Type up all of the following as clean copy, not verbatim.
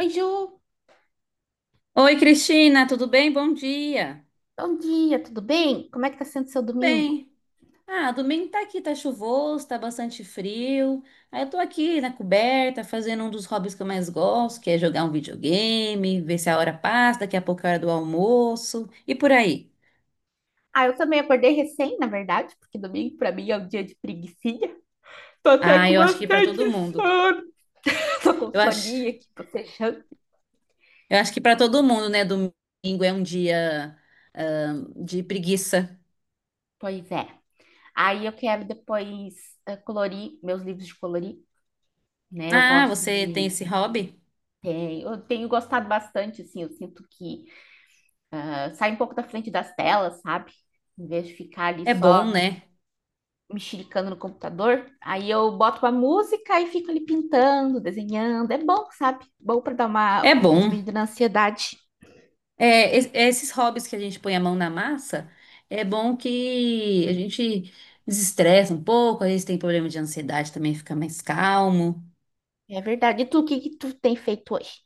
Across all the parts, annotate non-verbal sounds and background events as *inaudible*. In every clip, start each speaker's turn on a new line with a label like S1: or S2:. S1: Oi, Ju,
S2: Oi, Cristina, tudo bem? Bom dia.
S1: bom dia, tudo bem? Como é que tá sendo seu
S2: Tudo
S1: domingo?
S2: bem. Domingo tá aqui, tá chuvoso, tá bastante frio. Aí eu tô aqui na coberta, fazendo um dos hobbies que eu mais gosto, que é jogar um videogame, ver se a hora passa, daqui a pouco é a hora do almoço e por aí.
S1: Ah, eu também acordei recém, na verdade, porque domingo pra mim é um dia de preguicinha. Tô até com
S2: Eu acho que pra
S1: bastante
S2: todo mundo.
S1: sono. *laughs* Tô com
S2: Eu
S1: soninha
S2: acho,
S1: aqui, tô fechando.
S2: eu acho que pra todo mundo, né? Domingo é um dia, de preguiça.
S1: Pois é. Aí eu quero depois colorir meus livros de colorir, né? Eu
S2: Ah,
S1: gosto
S2: você tem
S1: de.
S2: esse hobby?
S1: Eu tenho gostado bastante, assim, eu sinto que sai um pouco da frente das telas, sabe? Em vez de ficar ali
S2: É bom,
S1: só
S2: né?
S1: mexericando no computador, aí eu boto uma música e fico ali pintando, desenhando. É bom, sabe? Bom para dar
S2: É
S1: uma
S2: bom.
S1: diminuída na ansiedade.
S2: É, esses hobbies que a gente põe a mão na massa, é bom que a gente desestressa um pouco, às vezes tem problema de ansiedade também, fica mais calmo.
S1: É verdade. E tu, o que que tu tem feito hoje?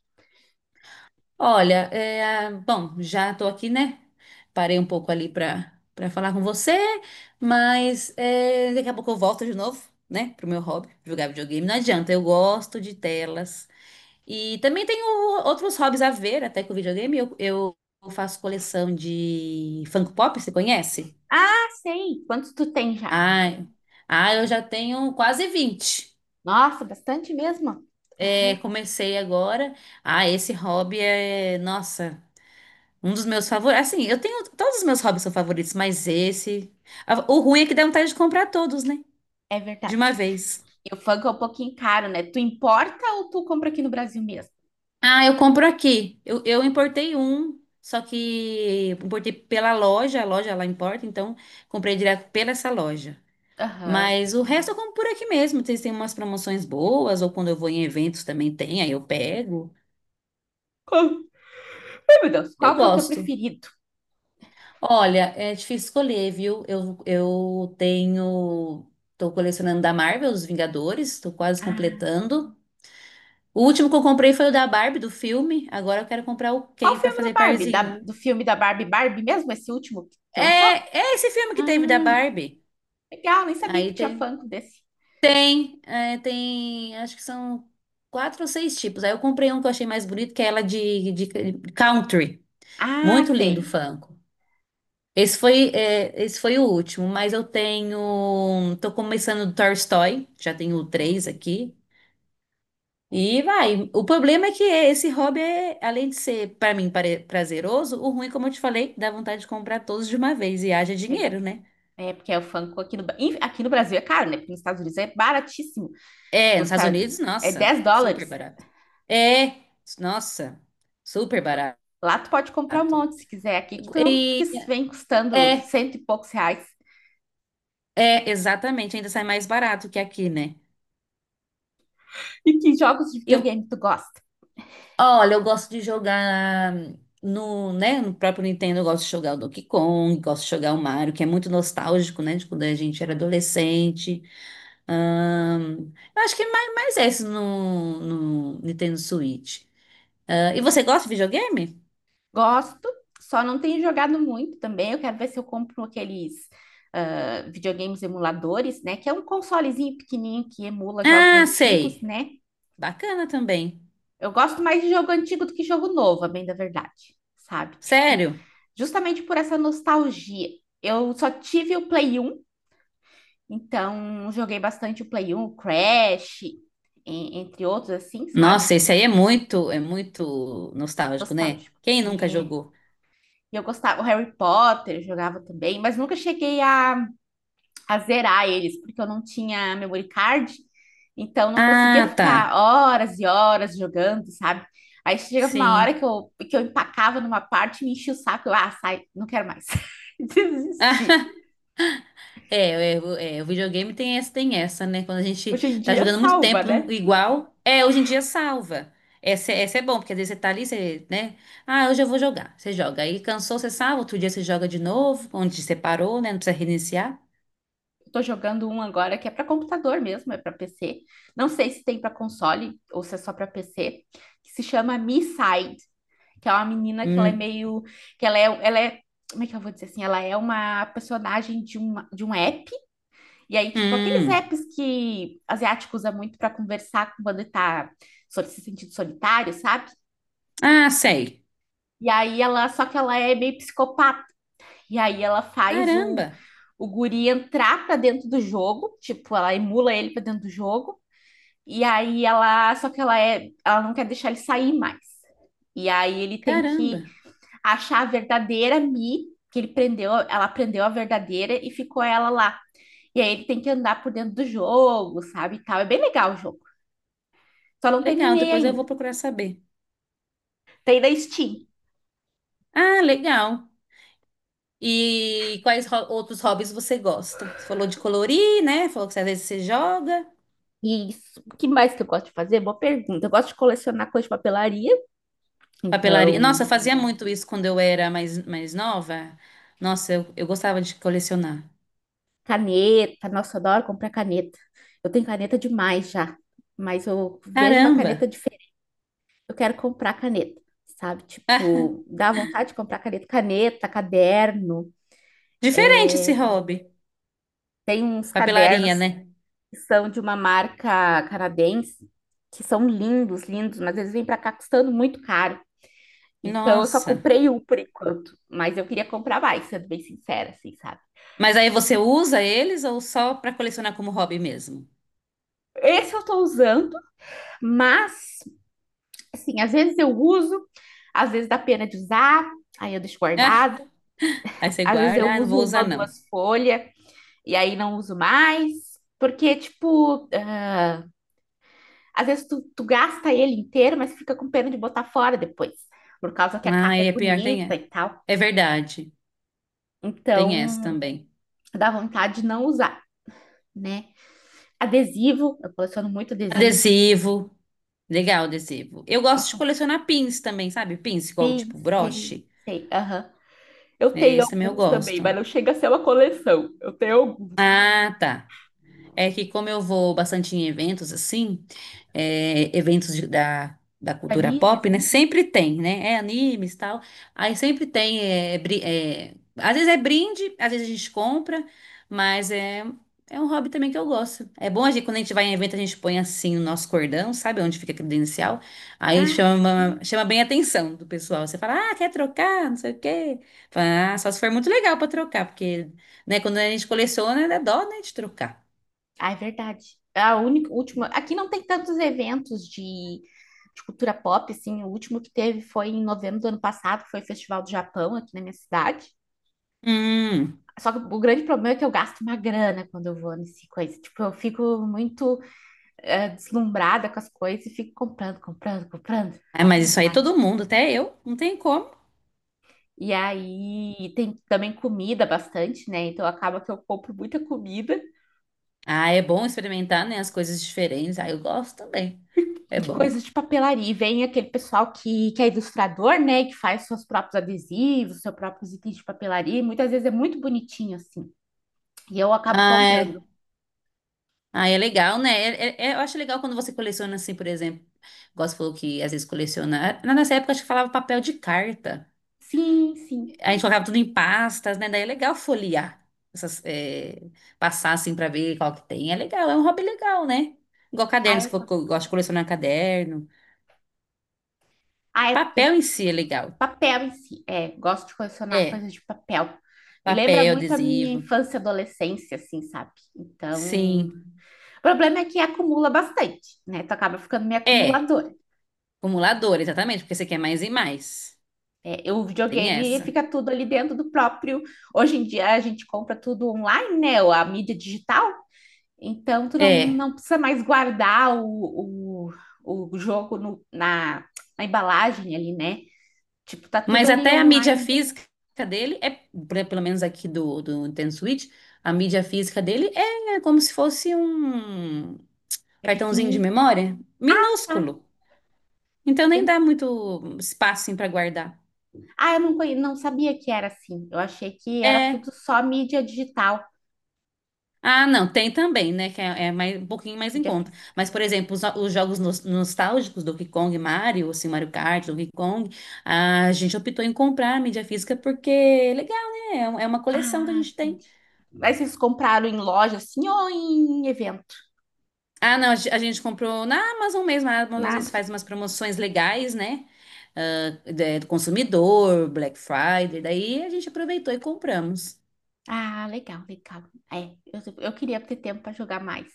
S2: Olha, bom, já tô aqui, né? Parei um pouco ali para falar com você, mas é, daqui a pouco eu volto de novo, né, pro meu hobby, jogar videogame. Não adianta, eu gosto de telas. E também tenho outros hobbies a ver, até com o videogame. Eu faço coleção de Funko Pop, você conhece?
S1: Ah, sei. Quantos tu tem já?
S2: Ai, eu já tenho quase 20.
S1: Nossa, bastante mesmo.
S2: É, comecei agora. Ah, esse hobby é, nossa, um dos meus favoritos. Assim, eu tenho, todos os meus hobbies são favoritos, mas esse. O ruim é que dá vontade de comprar todos, né?
S1: É
S2: De
S1: verdade.
S2: uma vez.
S1: E o funk é um pouquinho caro, né? Tu importa ou tu compra aqui no Brasil mesmo?
S2: Ah, eu compro aqui. Eu importei um, só que importei pela loja, a loja lá importa, então comprei direto pela essa loja.
S1: Aham.
S2: Mas o resto eu compro por aqui mesmo. Vocês têm umas promoções boas, ou quando eu vou em eventos também tem, aí eu pego.
S1: Qual- Ai, meu Deus.
S2: Eu
S1: Qual que é o teu
S2: gosto.
S1: preferido?
S2: Olha, é difícil escolher, viu? Eu tenho. Tô colecionando da Marvel, os Vingadores, tô quase
S1: Ah,
S2: completando. O último que eu comprei foi o da Barbie, do filme. Agora eu quero comprar o
S1: qual
S2: Ken pra
S1: filme da
S2: fazer
S1: Barbie?
S2: parzinho.
S1: Do filme da Barbie Barbie mesmo? Esse último que lançou?
S2: É, é esse filme que teve da
S1: Ah,
S2: Barbie.
S1: legal, nem sabia que
S2: Aí
S1: tinha
S2: tem.
S1: Funko desse.
S2: Tem. Acho que são 4 ou 6 tipos. Aí eu comprei um que eu achei mais bonito, que é ela de country.
S1: Ah,
S2: Muito lindo o
S1: sei.
S2: Funko. Esse foi o último, mas eu tenho. Tô começando do Tolstói, já tenho 3 aqui. E vai. O problema é que esse hobby é, além de ser, pra mim, prazeroso, o ruim, como eu te falei, dá vontade de comprar todos de uma vez e haja
S1: É,
S2: dinheiro, né?
S1: é porque é o Funko aqui no, enfim, aqui no Brasil é caro, né? Porque nos Estados Unidos é baratíssimo.
S2: É, nos
S1: Custa
S2: Estados Unidos,
S1: é
S2: nossa,
S1: 10
S2: super
S1: dólares.
S2: barato. É, nossa, super barato.
S1: Lá tu pode comprar um monte se quiser. Aqui que tu não, que
S2: E,
S1: vem
S2: é,
S1: custando cento e poucos reais. *laughs*
S2: exatamente, ainda sai mais barato que aqui, né?
S1: E que jogos de
S2: E,
S1: videogame tu gosta?
S2: Olha, eu gosto de jogar no, né, no próprio Nintendo, eu gosto de jogar o Donkey Kong, gosto de jogar o Mario, que é muito nostálgico, né, de quando a gente era adolescente. Eu acho que é mais esse no, no Nintendo Switch. Ah, e você gosta de videogame?
S1: Gosto, só não tenho jogado muito também. Eu quero ver se eu compro aqueles videogames emuladores, né? Que é um consolezinho pequenininho que emula jogos
S2: Ah,
S1: antigos,
S2: sei.
S1: né?
S2: Bacana também.
S1: Eu gosto mais de jogo antigo do que jogo novo, a bem da verdade, sabe? Tipo,
S2: Sério?
S1: justamente por essa nostalgia. Eu só tive o Play 1, então joguei bastante o Play 1, o Crash, entre outros assim, sabe?
S2: Nossa, esse aí é é muito nostálgico, né?
S1: Nostálgico.
S2: Quem nunca
S1: É.
S2: jogou?
S1: E eu gostava, o Harry Potter eu jogava também, mas nunca cheguei a zerar eles, porque eu não tinha memory card, então não conseguia
S2: Ah, tá.
S1: ficar horas e horas jogando, sabe? Aí chegava uma hora
S2: Sim.
S1: que eu empacava numa parte, me enchia o saco, eu, ah, sai, não quero mais. *laughs*
S2: Ah,
S1: Desisti.
S2: O videogame tem essa, né? Quando a gente
S1: Hoje em
S2: tá
S1: dia
S2: jogando muito
S1: salva,
S2: tempo
S1: né?
S2: igual, é, hoje em dia salva. Essa é bom, porque às vezes você tá ali, você, né? Ah, hoje eu vou jogar. Você joga. Aí cansou, você salva, outro dia você joga de novo, onde você parou, né? Não precisa reiniciar.
S1: Eu tô jogando um agora que é para computador mesmo, é para PC. Não sei se tem para console ou se é só para PC, que se chama Me Side, que é uma menina que ela é
S2: Hum.
S1: meio, que ela é, como é que eu vou dizer assim? Ela é uma personagem de um app. E aí, tipo, aqueles
S2: Hum.
S1: apps que asiático usa muito para conversar quando ele tá se sentindo solitário, sabe?
S2: Ah, sei.
S1: E aí ela, só que ela é meio psicopata. E aí ela faz o,
S2: Caramba,
S1: o guri entrar pra dentro do jogo, tipo, ela emula ele pra dentro do jogo. E aí ela, só que ela não quer deixar ele sair mais. E aí ele tem
S2: caramba.
S1: que achar a verdadeira Mi, que ele prendeu, ela prendeu a verdadeira e ficou ela lá. E aí ele tem que andar por dentro do jogo, sabe, e tal. É bem legal o jogo. Só não
S2: Legal,
S1: terminei
S2: depois eu
S1: ainda.
S2: vou procurar saber.
S1: Tem da Steam.
S2: Ah, legal. E quais outros hobbies você gosta? Você falou de colorir, né? Falou que às vezes você joga.
S1: E isso, o que mais que eu gosto de fazer? Boa pergunta. Eu gosto de colecionar coisa de papelaria.
S2: Papelaria.
S1: Então,
S2: Nossa, eu fazia muito isso quando eu era mais nova. Nossa, eu gostava de colecionar.
S1: caneta. Nossa, eu adoro comprar caneta. Eu tenho caneta demais já. Mas eu vejo uma caneta
S2: Caramba!
S1: diferente. Eu quero comprar caneta, sabe? Tipo, dá vontade de comprar caneta. Caneta, caderno.
S2: Diferente esse hobby.
S1: Tem uns
S2: Papelaria,
S1: cadernos
S2: né?
S1: que são de uma marca canadense, que são lindos, lindos, mas eles vêm pra cá custando muito caro. Então eu só
S2: Nossa.
S1: comprei um por enquanto, mas eu queria comprar mais, sendo bem sincera, assim, sabe?
S2: Mas aí você usa eles ou só para colecionar como hobby mesmo?
S1: Esse eu tô usando, mas, assim, às vezes eu uso, às vezes dá pena de usar, aí eu deixo
S2: *laughs* Ah,
S1: guardado.
S2: aí você
S1: Às vezes eu
S2: guarda, ah, não
S1: uso
S2: vou usar
S1: uma ou
S2: não.
S1: duas folhas e aí não uso mais, porque, tipo, às vezes tu gasta ele inteiro, mas fica com pena de botar fora depois, por causa que a
S2: Ah,
S1: capa é
S2: é pior, tem
S1: bonita
S2: é.
S1: e tal.
S2: É verdade. Tem essa
S1: Então,
S2: também.
S1: dá vontade de não usar, né? Adesivo, eu coleciono muito adesivo.
S2: Adesivo. Legal, adesivo. Eu gosto de
S1: Gosto.
S2: colecionar pins também, sabe? Pins, igual
S1: Sim,
S2: tipo
S1: sei,
S2: broche.
S1: sei. Aham. Eu tenho
S2: Esse também eu
S1: alguns também, mas
S2: gosto.
S1: não chega a ser uma coleção. Eu tenho alguns.
S2: Ah, tá. É que como eu vou bastante em eventos assim, é, eventos da da, cultura
S1: Panini,
S2: pop, né?
S1: assim?
S2: Sempre tem, né? É animes e tal. Aí sempre tem, às vezes é brinde, às vezes a gente compra, mas é, é um hobby também que eu gosto. É bom a gente, quando a gente vai em evento, a gente põe assim o nosso cordão, sabe? Onde fica a credencial. Aí
S1: Ah, sim.
S2: chama bem a atenção do pessoal. Você fala, ah, quer trocar? Não sei o quê. Fala, ah, só se for muito legal pra trocar, porque, né, quando a gente coleciona, dá dó, né, de trocar.
S1: Ah, é verdade. A única, última. Aqui não tem tantos eventos de cultura pop, assim. O último que teve foi em novembro do ano passado, que foi o Festival do Japão aqui na minha cidade.
S2: Hum.
S1: Só que o grande problema é que eu gasto uma grana quando eu vou nesse coisa. Tipo, eu fico muito deslumbrada com as coisas e fico comprando, comprando, comprando.
S2: É, mas isso aí todo mundo, até eu, não tem como.
S1: E aí tem também comida bastante, né? Então acaba que eu compro muita comida
S2: Ah, é bom experimentar, né, as coisas diferentes. Ah, eu gosto também. É
S1: de
S2: bom.
S1: coisas de papelaria. E vem aquele pessoal que é ilustrador, né? Que faz seus próprios adesivos, seus próprios itens de papelaria. E muitas vezes é muito bonitinho, assim. E eu acabo
S2: Ah,
S1: comprando.
S2: é, ah, é legal, né? Eu acho legal quando você coleciona, assim, por exemplo. Gosto falou que às vezes coleciona. Na nossa época, acho que falava papel de carta.
S1: Sim, sim.
S2: A gente colocava tudo em pastas, né? Daí é legal folhear. Essas, é, passar, assim, pra ver qual que tem. É legal, é um hobby legal, né? Igual caderno,
S1: Ah,
S2: se
S1: eu
S2: for que eu
S1: gosto.
S2: gosto de colecionar caderno.
S1: Ah, é porque
S2: Papel em si é
S1: tipo,
S2: legal.
S1: papel em si. É, gosto de colecionar
S2: É.
S1: coisas de papel. Me lembra
S2: Papel,
S1: muito a minha
S2: adesivo.
S1: infância e adolescência, assim, sabe? Então,
S2: Sim.
S1: o problema é que acumula bastante, né? Tu acaba ficando meio
S2: É,
S1: acumuladora.
S2: acumulador, exatamente, porque você quer mais e mais.
S1: É, o
S2: Tem
S1: videogame
S2: essa.
S1: fica tudo ali dentro do próprio. Hoje em dia a gente compra tudo online, né? A mídia digital. Então tu não,
S2: É.
S1: não precisa mais guardar o jogo na embalagem ali, né? Tipo, tá tudo
S2: Mas
S1: ali
S2: até a mídia
S1: online.
S2: física dele é, pelo menos aqui do, do Nintendo Switch, a mídia física dele é como se fosse um
S1: É
S2: cartãozinho de
S1: pequenininho.
S2: memória,
S1: Ah,
S2: minúsculo. Então nem
S1: tem-
S2: dá muito espaço para guardar.
S1: eu não, não sabia que era assim. Eu achei que era tudo
S2: É.
S1: só mídia digital,
S2: Ah, não, tem também, né? Que é, é mais, um pouquinho mais em
S1: mídia
S2: conta.
S1: física.
S2: Mas, por exemplo, os jogos nostálgicos do Donkey Kong, Mario, assim, Mario Kart, Donkey Kong, a gente optou em comprar a mídia física porque é legal, né? É, é uma coleção que a
S1: Ah,
S2: gente tem.
S1: entendi. Mas vocês compraram em loja assim ou em evento?
S2: Ah, não, a, ge- a gente comprou na Amazon mesmo. A Amazon às
S1: Na
S2: vezes faz umas promoções legais, né? Ah, do consumidor, Black Friday, daí a gente aproveitou e compramos.
S1: Ah, legal, legal. É, eu queria ter tempo para jogar mais.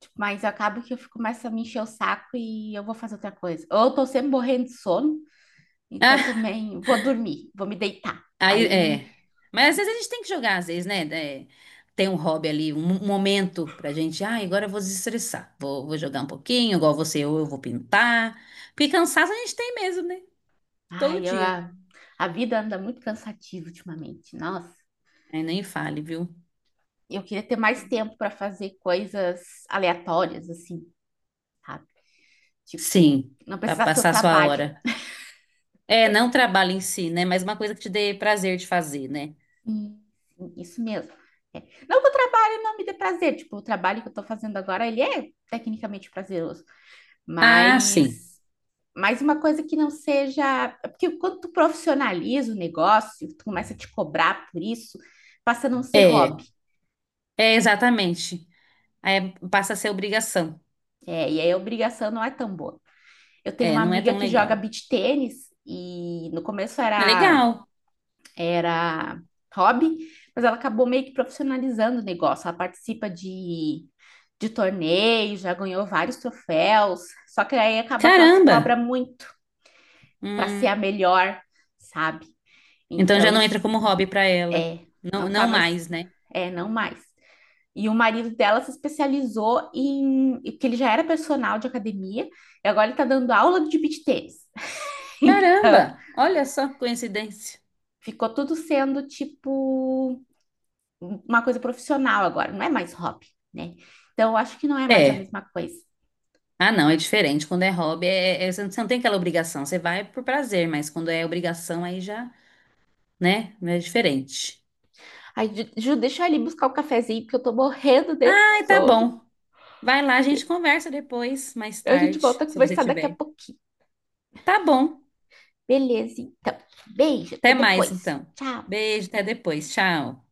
S1: Tipo, mas eu acabo que eu fico mais a me encher o saco e eu vou fazer outra coisa. Ou eu tô sempre morrendo de sono, então
S2: *laughs*
S1: também vou dormir, vou me deitar.
S2: Aí, é.
S1: Aí,
S2: Mas às vezes a gente tem que jogar, às vezes, né? É, tem um hobby ali, um um momento pra gente. Ah, agora eu vou desestressar. Vou jogar um pouquinho, igual você, ou eu vou pintar. Porque cansaço a gente tem mesmo, né? Todo
S1: ai,
S2: dia.
S1: a vida anda muito cansativa ultimamente. Nossa,
S2: Aí nem fale, viu?
S1: eu queria ter mais tempo para fazer coisas aleatórias, assim, sabe? Tipo,
S2: Sim,
S1: não
S2: pra
S1: precisar ser o
S2: passar a sua
S1: trabalho.
S2: hora. É, não trabalho em si, né? Mas uma coisa que te dê prazer de fazer, né?
S1: Sim, sim, isso mesmo. Não que o trabalho não me dê prazer, tipo, o trabalho que eu tô fazendo agora, ele é tecnicamente prazeroso,
S2: Ah, sim.
S1: mas mas uma coisa que não seja, é porque quando tu profissionaliza o negócio, tu começa a te cobrar por isso, passa a não ser
S2: É,
S1: hobby.
S2: é exatamente. Aí passa a ser obrigação.
S1: É, e aí a obrigação não é tão boa. Eu tenho
S2: É,
S1: uma
S2: não é
S1: amiga
S2: tão
S1: que joga
S2: legal.
S1: beach tênis e no começo
S2: É
S1: era
S2: legal.
S1: era hobby, mas ela acabou meio que profissionalizando o negócio. Ela participa de torneios, já ganhou vários troféus, só que aí acaba que ela se cobra
S2: Caramba!
S1: muito para ser a
S2: Hum.
S1: melhor, sabe?
S2: Então já
S1: Então,
S2: não
S1: isso
S2: entra como hobby pra ela.
S1: é,
S2: Não,
S1: não tá
S2: não
S1: mais,
S2: mais, né?
S1: é, não mais. E o marido dela se especializou em, que ele já era personal de academia, e agora ele tá dando aula de beach tennis. *laughs* Então,
S2: Caramba, olha só que coincidência.
S1: ficou tudo sendo tipo uma coisa profissional agora, não é mais hobby, né? Então, eu acho que não é mais a
S2: É.
S1: mesma coisa.
S2: Ah, não, é diferente. Quando é hobby, você não tem aquela obrigação. Você vai por prazer, mas quando é obrigação, aí já, né? É diferente.
S1: Ai, Ju, deixa eu ali buscar o cafezinho, porque eu tô morrendo de
S2: Ai, tá
S1: sono.
S2: bom. Vai lá, a gente conversa depois, mais
S1: A gente
S2: tarde,
S1: volta a
S2: se você
S1: conversar daqui a
S2: tiver.
S1: pouquinho.
S2: Tá bom.
S1: Beleza, então. Beijo, até
S2: Até mais,
S1: depois.
S2: então.
S1: Tchau.
S2: Beijo, até depois. Tchau.